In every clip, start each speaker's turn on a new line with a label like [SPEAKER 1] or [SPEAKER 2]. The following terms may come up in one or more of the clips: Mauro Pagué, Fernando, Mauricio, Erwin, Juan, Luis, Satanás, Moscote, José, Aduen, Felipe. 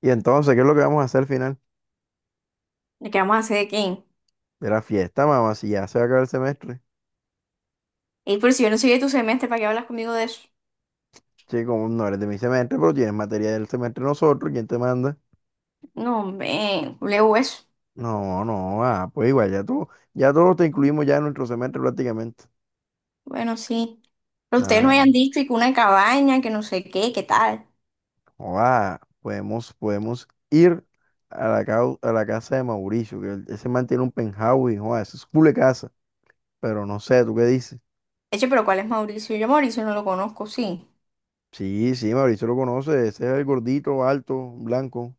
[SPEAKER 1] Y entonces, ¿qué es lo que vamos a hacer al final
[SPEAKER 2] ¿De qué vamos a hacer de quién?
[SPEAKER 1] de la fiesta, mamá? Si ya se va a acabar el semestre.
[SPEAKER 2] Y por si yo no soy de tu semestre, ¿para qué hablas conmigo de eso?
[SPEAKER 1] Chico, no eres de mi semestre, pero tienes materia del semestre nosotros, ¿quién te manda?
[SPEAKER 2] No, hombre, leo eso.
[SPEAKER 1] No, no, pues igual, ya todos te incluimos ya en nuestro semestre prácticamente.
[SPEAKER 2] Bueno, sí. Pero ustedes no
[SPEAKER 1] Ah,
[SPEAKER 2] hayan dicho y que una cabaña, que no sé qué, qué tal.
[SPEAKER 1] o podemos, podemos ir a la, cau- a la casa de Mauricio, ese man tiene un penthouse, y, joa, eso es culo de casa, pero no sé, ¿tú qué dices?
[SPEAKER 2] Eche, pero ¿cuál es Mauricio? Yo a Mauricio no lo conozco, sí.
[SPEAKER 1] Sí, sí, Mauricio lo conoce, ese es el gordito, alto, blanco.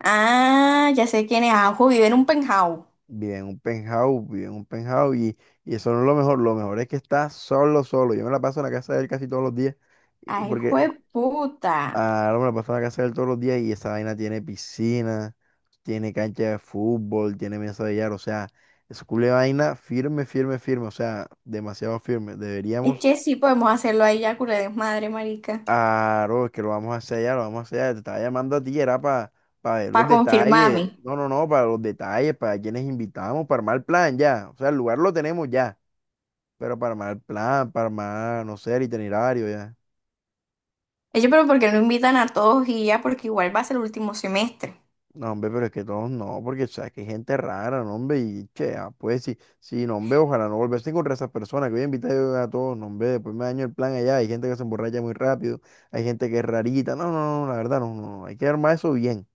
[SPEAKER 2] Ah, ya sé quién es. Ajo vive en un penthouse.
[SPEAKER 1] Vive en un penthouse, vive en un penthouse y eso no es lo mejor. Lo mejor es que está solo, solo. Yo me la paso en la casa de él casi todos los días. y-
[SPEAKER 2] Ay,
[SPEAKER 1] Porque
[SPEAKER 2] jueputa.
[SPEAKER 1] ahora me la paso en la casa de él todos los días y esa vaina tiene piscina, tiene cancha de fútbol, tiene mesa de billar. O sea, es culo de vaina firme, firme, firme. O sea, demasiado firme. Deberíamos,
[SPEAKER 2] Eche, sí, podemos hacerlo ahí ya, culé desmadre, marica.
[SPEAKER 1] bro, es que lo vamos a hacer ya. Te estaba llamando a ti, era para ver los
[SPEAKER 2] Para
[SPEAKER 1] detalles.
[SPEAKER 2] confirmarme.
[SPEAKER 1] No, no, no, para los detalles, para quienes invitamos, para armar el plan ya. O sea, el lugar lo tenemos ya. Pero para armar el plan, para armar, no sé, el itinerario ya.
[SPEAKER 2] Eche, pero ¿por qué no invitan a todos y ya? Porque igual va a ser el último semestre.
[SPEAKER 1] No, hombre, pero es que todos no, porque sabes que hay gente rara, no, hombre, y che, pues sí, sí, no, hombre, ojalá no volverse a encontrar esas personas que voy a invitar yo a todos, no, hombre, después me daño el plan allá, hay gente que se emborracha muy rápido, hay gente que es rarita, no, no, no, la verdad, no, no, no, hay que armar eso bien.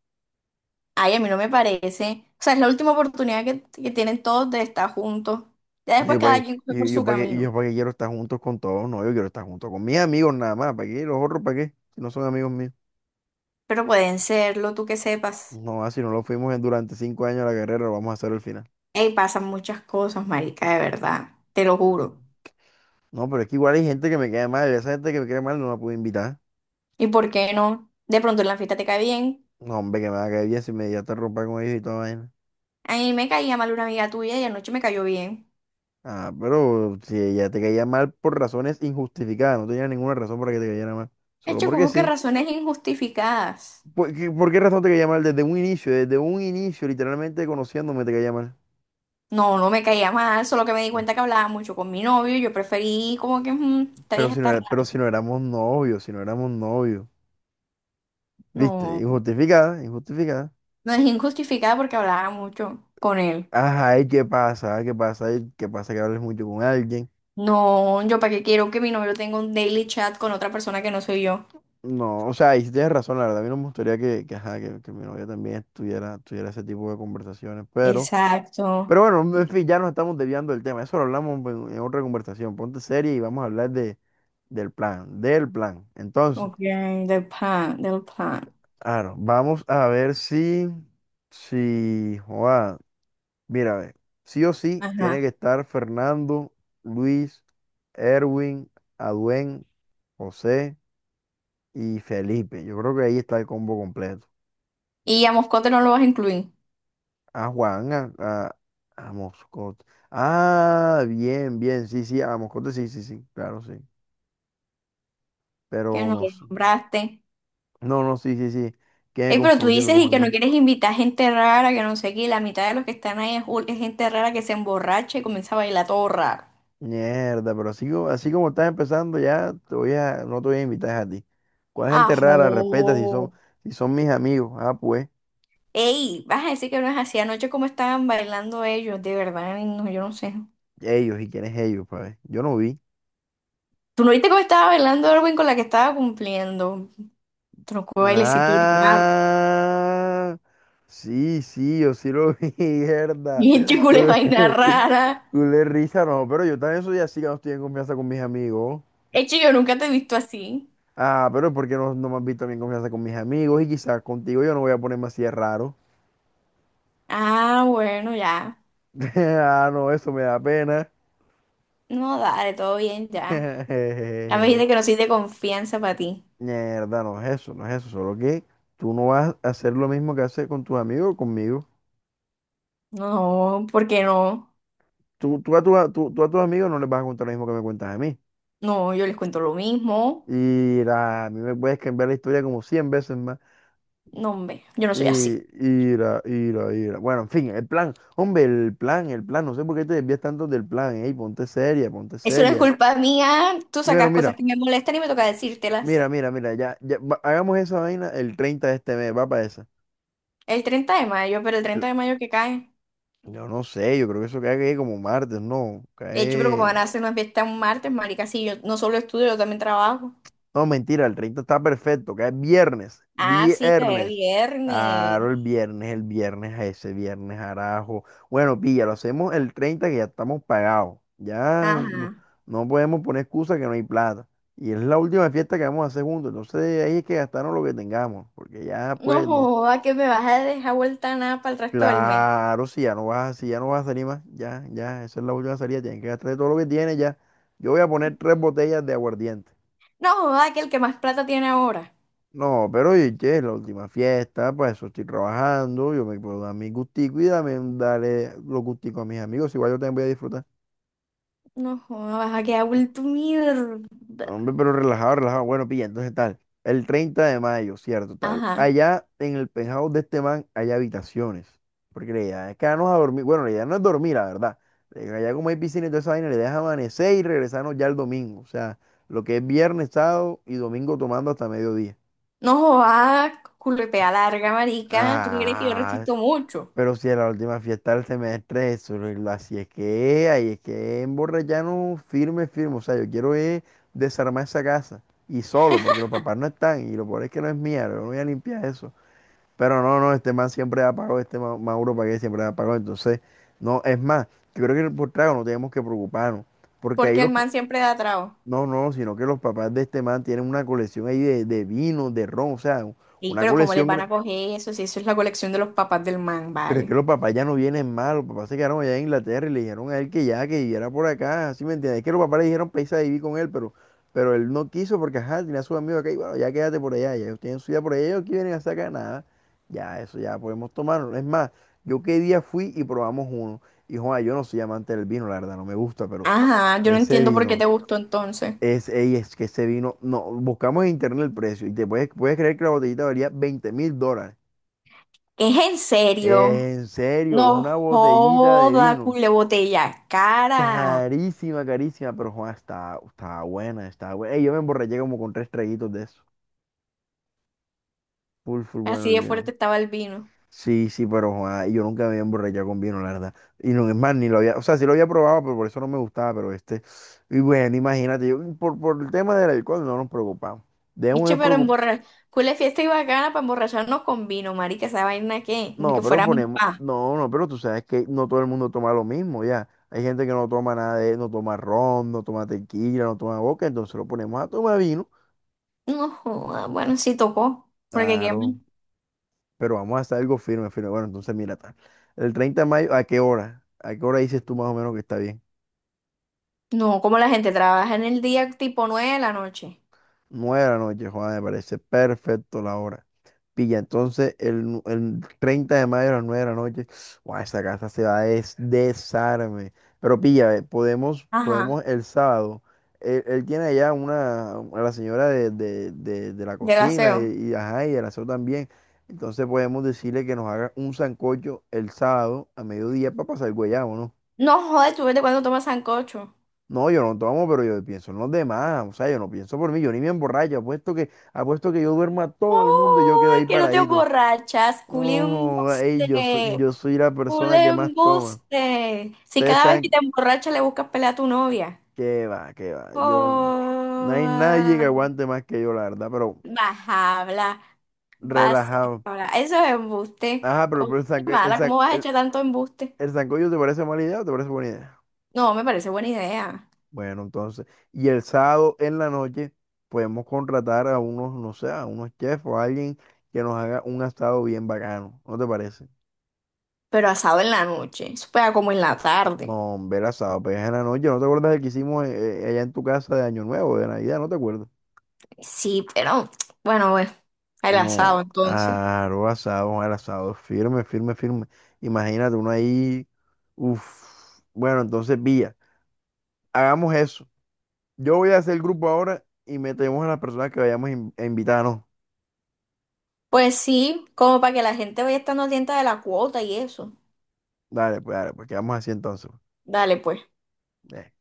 [SPEAKER 2] Ay, a mí no me parece. O sea, es la última oportunidad que tienen todos de estar juntos. Ya
[SPEAKER 1] No, yo
[SPEAKER 2] después
[SPEAKER 1] para
[SPEAKER 2] cada
[SPEAKER 1] qué,
[SPEAKER 2] quien fue por
[SPEAKER 1] y yo
[SPEAKER 2] su
[SPEAKER 1] para qué, y
[SPEAKER 2] camino.
[SPEAKER 1] yo para qué quiero estar juntos con todos, no, yo quiero estar junto con mis amigos nada más, ¿para qué? Los otros, ¿para qué? Si no son amigos míos.
[SPEAKER 2] Pero pueden serlo, tú que sepas.
[SPEAKER 1] No, si no lo fuimos durante 5 años de la carrera, lo vamos a hacer al final.
[SPEAKER 2] Ey, pasan muchas cosas, marica, de verdad. Te lo juro.
[SPEAKER 1] No, pero es que igual hay gente que me cae mal. Esa gente que me cae mal no la puedo invitar.
[SPEAKER 2] ¿Y por qué no? De pronto en la fiesta te cae bien.
[SPEAKER 1] No, hombre, que me va a caer bien si me ya te rompa con ellos y toda vaina.
[SPEAKER 2] A mí me caía mal una amiga tuya y anoche me cayó bien.
[SPEAKER 1] Ah, pero si ella te caía mal por razones injustificadas, no tenía ninguna razón para que te cayera mal. Solo
[SPEAKER 2] Hecho,
[SPEAKER 1] porque
[SPEAKER 2] como que
[SPEAKER 1] sí.
[SPEAKER 2] razones injustificadas.
[SPEAKER 1] ¿Por qué razón te caía mal? Desde un inicio, literalmente conociéndome te caía mal.
[SPEAKER 2] No, no me caía mal, solo que me di
[SPEAKER 1] No.
[SPEAKER 2] cuenta que hablaba mucho con mi novio y yo preferí como que, esta vieja está rara.
[SPEAKER 1] Pero si no éramos novios, si no éramos novios. ¿Viste?
[SPEAKER 2] No,
[SPEAKER 1] Injustificada, injustificada.
[SPEAKER 2] no es injustificada porque hablaba mucho con él.
[SPEAKER 1] Ajá, ¿y qué pasa? ¿Qué pasa? ¿Y qué pasa que hables mucho con alguien?
[SPEAKER 2] No, yo para qué quiero que mi novio tenga un daily chat con otra persona que no soy yo.
[SPEAKER 1] No, o sea, ahí sí tienes razón, la verdad. A mí no me gustaría ajá, que mi novia también tuviera, ese tipo de conversaciones, pero,
[SPEAKER 2] Exacto.
[SPEAKER 1] bueno, en fin, ya nos estamos desviando del tema. Eso lo hablamos en otra conversación. Ponte seria y vamos a hablar del plan, del plan. Entonces,
[SPEAKER 2] Ok, del plan, del plan.
[SPEAKER 1] claro, vamos a ver si, joa, mira, a ver, sí o sí tiene que
[SPEAKER 2] Ajá.
[SPEAKER 1] estar Fernando, Luis, Erwin, Aduen, José y Felipe. Yo creo que ahí está el combo completo.
[SPEAKER 2] ¿Y a Moscote no lo vas a incluir,
[SPEAKER 1] A Juan, a Moscote. Ah, bien, bien, sí, sí, a Moscote, sí, sí, sí, claro, sí.
[SPEAKER 2] que
[SPEAKER 1] Pero
[SPEAKER 2] no
[SPEAKER 1] no,
[SPEAKER 2] lo
[SPEAKER 1] s-
[SPEAKER 2] nombraste?
[SPEAKER 1] no, no, sí, sí, sí. Que me
[SPEAKER 2] Ey, pero tú
[SPEAKER 1] confundí, me
[SPEAKER 2] dices y que no
[SPEAKER 1] confundí.
[SPEAKER 2] quieres invitar gente rara, que no sé qué, y la mitad de los que están ahí es, es gente rara que se emborracha y comienza a bailar todo raro.
[SPEAKER 1] Mierda, pero así como estás empezando, ya te voy a, no te voy a invitar a ti. ¿Cuál gente rara? Respeta
[SPEAKER 2] ¡Ajo!
[SPEAKER 1] si son mis amigos. Ah, pues,
[SPEAKER 2] Ey, vas a decir que no es así anoche como estaban bailando ellos, de verdad, ay, no, yo no sé.
[SPEAKER 1] ellos, ¿y quiénes ellos, pa' ver? Yo no vi.
[SPEAKER 2] ¿Tú no viste cómo estaba bailando Erwin con la que estaba cumpliendo? Tronco bailecito raro.
[SPEAKER 1] Ah, sí, sí, yo sí lo vi, mierda.
[SPEAKER 2] Bien chicule vaina rara.
[SPEAKER 1] Culé risa, no, pero yo también soy así que no estoy en confianza con mis amigos.
[SPEAKER 2] Hecho, yo nunca te he visto así.
[SPEAKER 1] Ah, pero ¿por qué no me has visto a mí en confianza con mis amigos? Y quizás contigo yo no voy a ponerme así de raro.
[SPEAKER 2] Ah, bueno, ya.
[SPEAKER 1] Ah, no, eso me da pena.
[SPEAKER 2] No, dale, todo bien, ya. Ya me dijiste que no soy de confianza para ti.
[SPEAKER 1] Mierda, no es eso, no es eso. Solo que tú no vas a hacer lo mismo que haces con tus amigos o conmigo.
[SPEAKER 2] No, ¿por qué no?
[SPEAKER 1] Tú, a tu- a- tú- tú a tus amigos no les vas a contar lo mismo que me cuentas a mí.
[SPEAKER 2] No, yo les cuento lo mismo.
[SPEAKER 1] A mí me puedes cambiar la historia como 100 veces más.
[SPEAKER 2] No, hombre, yo no soy así.
[SPEAKER 1] Y ira, ira, ira. Bueno, en fin, el plan. Hombre, el plan, el plan. No sé por qué te desvías tanto del plan. Ey, ponte seria, ponte
[SPEAKER 2] Eso no es
[SPEAKER 1] seria.
[SPEAKER 2] culpa mía. Tú
[SPEAKER 1] Bueno,
[SPEAKER 2] sacas cosas
[SPEAKER 1] mira,
[SPEAKER 2] que me molestan y me toca decírtelas.
[SPEAKER 1] mira, mira, mira. Hagamos esa vaina el 30 de este mes. Va para esa.
[SPEAKER 2] El 30 de mayo, pero el 30 de mayo, que cae?
[SPEAKER 1] Yo no sé, yo creo que eso cae como martes, no.
[SPEAKER 2] De hecho, pero como
[SPEAKER 1] Cae.
[SPEAKER 2] van a hacer una fiesta un martes, marica? Sí, yo no solo estudio, yo también trabajo.
[SPEAKER 1] No, mentira, el 30 está perfecto, que es viernes,
[SPEAKER 2] Ah, sí, cae
[SPEAKER 1] viernes. Claro,
[SPEAKER 2] viernes.
[SPEAKER 1] el viernes a ese viernes, arajo. Bueno, pilla, lo hacemos el 30 que ya estamos pagados. Ya no,
[SPEAKER 2] Ajá.
[SPEAKER 1] no podemos poner excusa que no hay plata. Y es la última fiesta que vamos a hacer juntos. Entonces ahí es que gastarnos lo que tengamos, porque ya
[SPEAKER 2] No
[SPEAKER 1] pues no.
[SPEAKER 2] joda que me vas a dejar vuelta nada para el resto del mes.
[SPEAKER 1] Claro, si ya no vas, si ya no vas a salir más, ya, ya, esa es la última salida, tienes que gastar todo lo que tienes ya. Yo voy a poner tres botellas de aguardiente.
[SPEAKER 2] No joda, que el que más plata tiene ahora.
[SPEAKER 1] No, pero oye, che, es la última fiesta, pues eso estoy trabajando, yo me puedo dar mi gustico y dame, darle los gusticos a mis amigos, igual yo también voy a disfrutar.
[SPEAKER 2] No joda, vas a quedar vuelto
[SPEAKER 1] No,
[SPEAKER 2] mierda.
[SPEAKER 1] hombre, pero relajado, relajado. Bueno, pilla, entonces tal, el 30 de mayo, cierto, tal.
[SPEAKER 2] Ajá.
[SPEAKER 1] Allá en el penthouse de este man hay habitaciones, porque la idea es quedarnos a dormir, bueno, la idea no es dormir, la verdad. Allá como hay piscina y toda esa vaina, la idea es amanecer y regresarnos ya el domingo, o sea, lo que es viernes, sábado y domingo tomando hasta mediodía.
[SPEAKER 2] No joda, culpea larga, marica. ¿Tú crees que yo
[SPEAKER 1] Ah,
[SPEAKER 2] resisto mucho?
[SPEAKER 1] Pero si a la última fiesta del semestre, eso así es que, ahí es que emborracharnos firme, firme. O sea, yo quiero es desarmar esa casa. Y solo, porque los papás no están. Y lo peor es que no es mía, yo no voy a limpiar eso. Pero no, no, este man siempre da pago, este Mauro Pagué siempre da pago. Entonces, no, es más, yo creo que por trago no tenemos que preocuparnos. Porque ahí
[SPEAKER 2] Porque el
[SPEAKER 1] los, pa-
[SPEAKER 2] man siempre da trago.
[SPEAKER 1] no, no, sino que los papás de este man tienen una colección ahí de vino, de ron, o sea,
[SPEAKER 2] Y
[SPEAKER 1] una
[SPEAKER 2] pero ¿cómo les van
[SPEAKER 1] colección.
[SPEAKER 2] a coger eso? Si eso es la colección de los papás del man,
[SPEAKER 1] Pero es que
[SPEAKER 2] vale.
[SPEAKER 1] los papás ya no vienen mal, los papás se quedaron allá en Inglaterra y le dijeron a él que ya, que viviera por acá, ¿sí me entiendes? Es que los papás le dijeron para irse a vivir con él, pero, él no quiso porque, ajá, tenía a sus amigos acá y bueno, ya quédate por allá, ya ellos tienen su vida por allá, ellos aquí vienen a sacar nada, ya, eso ya podemos tomarlo. Es más, yo qué día fui y probamos uno, y Juan, yo no soy amante del vino, la verdad, no me gusta, pero
[SPEAKER 2] Ajá, yo no
[SPEAKER 1] ese
[SPEAKER 2] entiendo por qué te
[SPEAKER 1] vino,
[SPEAKER 2] gustó entonces.
[SPEAKER 1] es que ese vino, no, buscamos en internet el precio y puedes creer que la botellita valía $20.000.
[SPEAKER 2] ¿Es en serio?
[SPEAKER 1] En serio,
[SPEAKER 2] No
[SPEAKER 1] una botellita de
[SPEAKER 2] joda,
[SPEAKER 1] vino.
[SPEAKER 2] cule botella cara.
[SPEAKER 1] Carísima, carísima, pero Juan, está, está buena, está buena. Ey, yo me emborraché como con tres traguitos de eso. Full, full bueno
[SPEAKER 2] Así
[SPEAKER 1] el
[SPEAKER 2] de
[SPEAKER 1] vino.
[SPEAKER 2] fuerte estaba el vino.
[SPEAKER 1] Sí, sí, pero Juan, yo nunca me había emborrachado con vino, la verdad. Y no es más, ni lo había, o sea, sí lo había probado, pero por eso no me gustaba, pero este. Y bueno, imagínate, yo, por el tema del alcohol no nos preocupamos. Debemos de
[SPEAKER 2] Niche, pero
[SPEAKER 1] preocup-
[SPEAKER 2] emborrachar. Cule fiesta y bacana para emborracharnos con vino, marica. ¿Esa vaina qué? Ni
[SPEAKER 1] No,
[SPEAKER 2] que
[SPEAKER 1] pero
[SPEAKER 2] fuéramos
[SPEAKER 1] ponemos,
[SPEAKER 2] pa.
[SPEAKER 1] no, no, pero tú sabes que no todo el mundo toma lo mismo, ya. Hay gente que no toma nada de, no toma ron, no toma tequila, no toma boca, entonces lo ponemos a tomar vino.
[SPEAKER 2] No, joda, bueno, sí tocó. Porque qué más.
[SPEAKER 1] Claro, pero vamos a hacer algo firme, firme. Bueno, entonces mira, tal. El 30 de mayo, ¿a qué hora? ¿A qué hora dices tú más o menos que está bien?
[SPEAKER 2] No, como la gente trabaja en el día, tipo 9 de la noche.
[SPEAKER 1] Nueve de la noche, Juan, me parece perfecto la hora. Pilla, entonces el 30 de mayo a las 9 de la noche, guau, esa casa se va a desarme. Pero pilla, podemos,
[SPEAKER 2] Ajá.
[SPEAKER 1] el sábado. Él tiene allá a la señora de la
[SPEAKER 2] De
[SPEAKER 1] cocina
[SPEAKER 2] gaseo.
[SPEAKER 1] ajá, y el aseo también. Entonces podemos decirle que nos haga un sancocho el sábado a mediodía para pasar el guayabo, ¿no?
[SPEAKER 2] No, joder, tú vete cuando tomas sancocho.
[SPEAKER 1] No, yo no tomo, pero yo pienso en los demás. O sea, yo no pienso por mí, yo ni me emborracho. Apuesto que yo duermo a todo el mundo y yo quedo ahí
[SPEAKER 2] Oh, que no te
[SPEAKER 1] paradito.
[SPEAKER 2] emborrachas. Cule
[SPEAKER 1] Oh, ey, yo soy,
[SPEAKER 2] embuste.
[SPEAKER 1] la persona
[SPEAKER 2] Cule
[SPEAKER 1] que más toma.
[SPEAKER 2] embuste. Si
[SPEAKER 1] Ustedes
[SPEAKER 2] cada vez que
[SPEAKER 1] saben
[SPEAKER 2] te emborrachas le buscas pelea a tu novia.
[SPEAKER 1] que va, que va. Yo, no hay nadie que
[SPEAKER 2] Joda.
[SPEAKER 1] aguante más que yo, la verdad, pero
[SPEAKER 2] Vas a hablar, vas
[SPEAKER 1] relajado.
[SPEAKER 2] a hablar. Eso es embuste.
[SPEAKER 1] Ajá,
[SPEAKER 2] Oh,
[SPEAKER 1] pero el,
[SPEAKER 2] qué
[SPEAKER 1] sanco- el,
[SPEAKER 2] mala,
[SPEAKER 1] san-
[SPEAKER 2] ¿cómo vas a echar tanto embuste?
[SPEAKER 1] el sancocho ¿te parece mala idea o te parece buena idea?
[SPEAKER 2] No, me parece buena idea.
[SPEAKER 1] Bueno, entonces, y el sábado en la noche podemos contratar a unos, no sé, a unos chefs o a alguien que nos haga un asado bien bacano. ¿No te parece?
[SPEAKER 2] Pero asado en la noche, eso pega como en la tarde.
[SPEAKER 1] No, hombre, el asado, pues en la noche. ¿No te acuerdas del que hicimos allá en tu casa de Año Nuevo, de Navidad? ¿No te acuerdas?
[SPEAKER 2] Sí, pero bueno, bueno, el
[SPEAKER 1] No,
[SPEAKER 2] asado entonces.
[SPEAKER 1] aro asado, el asado firme, firme, firme. Imagínate uno ahí. Uf. Bueno, entonces, Villa, hagamos eso. Yo voy a hacer el grupo ahora y metemos a las personas que vayamos a a invitar, ¿no?
[SPEAKER 2] Pues sí, como para que la gente vaya estando atenta de la cuota y eso.
[SPEAKER 1] Dale, pues quedamos así entonces. Pues.
[SPEAKER 2] Dale, pues.
[SPEAKER 1] Ve.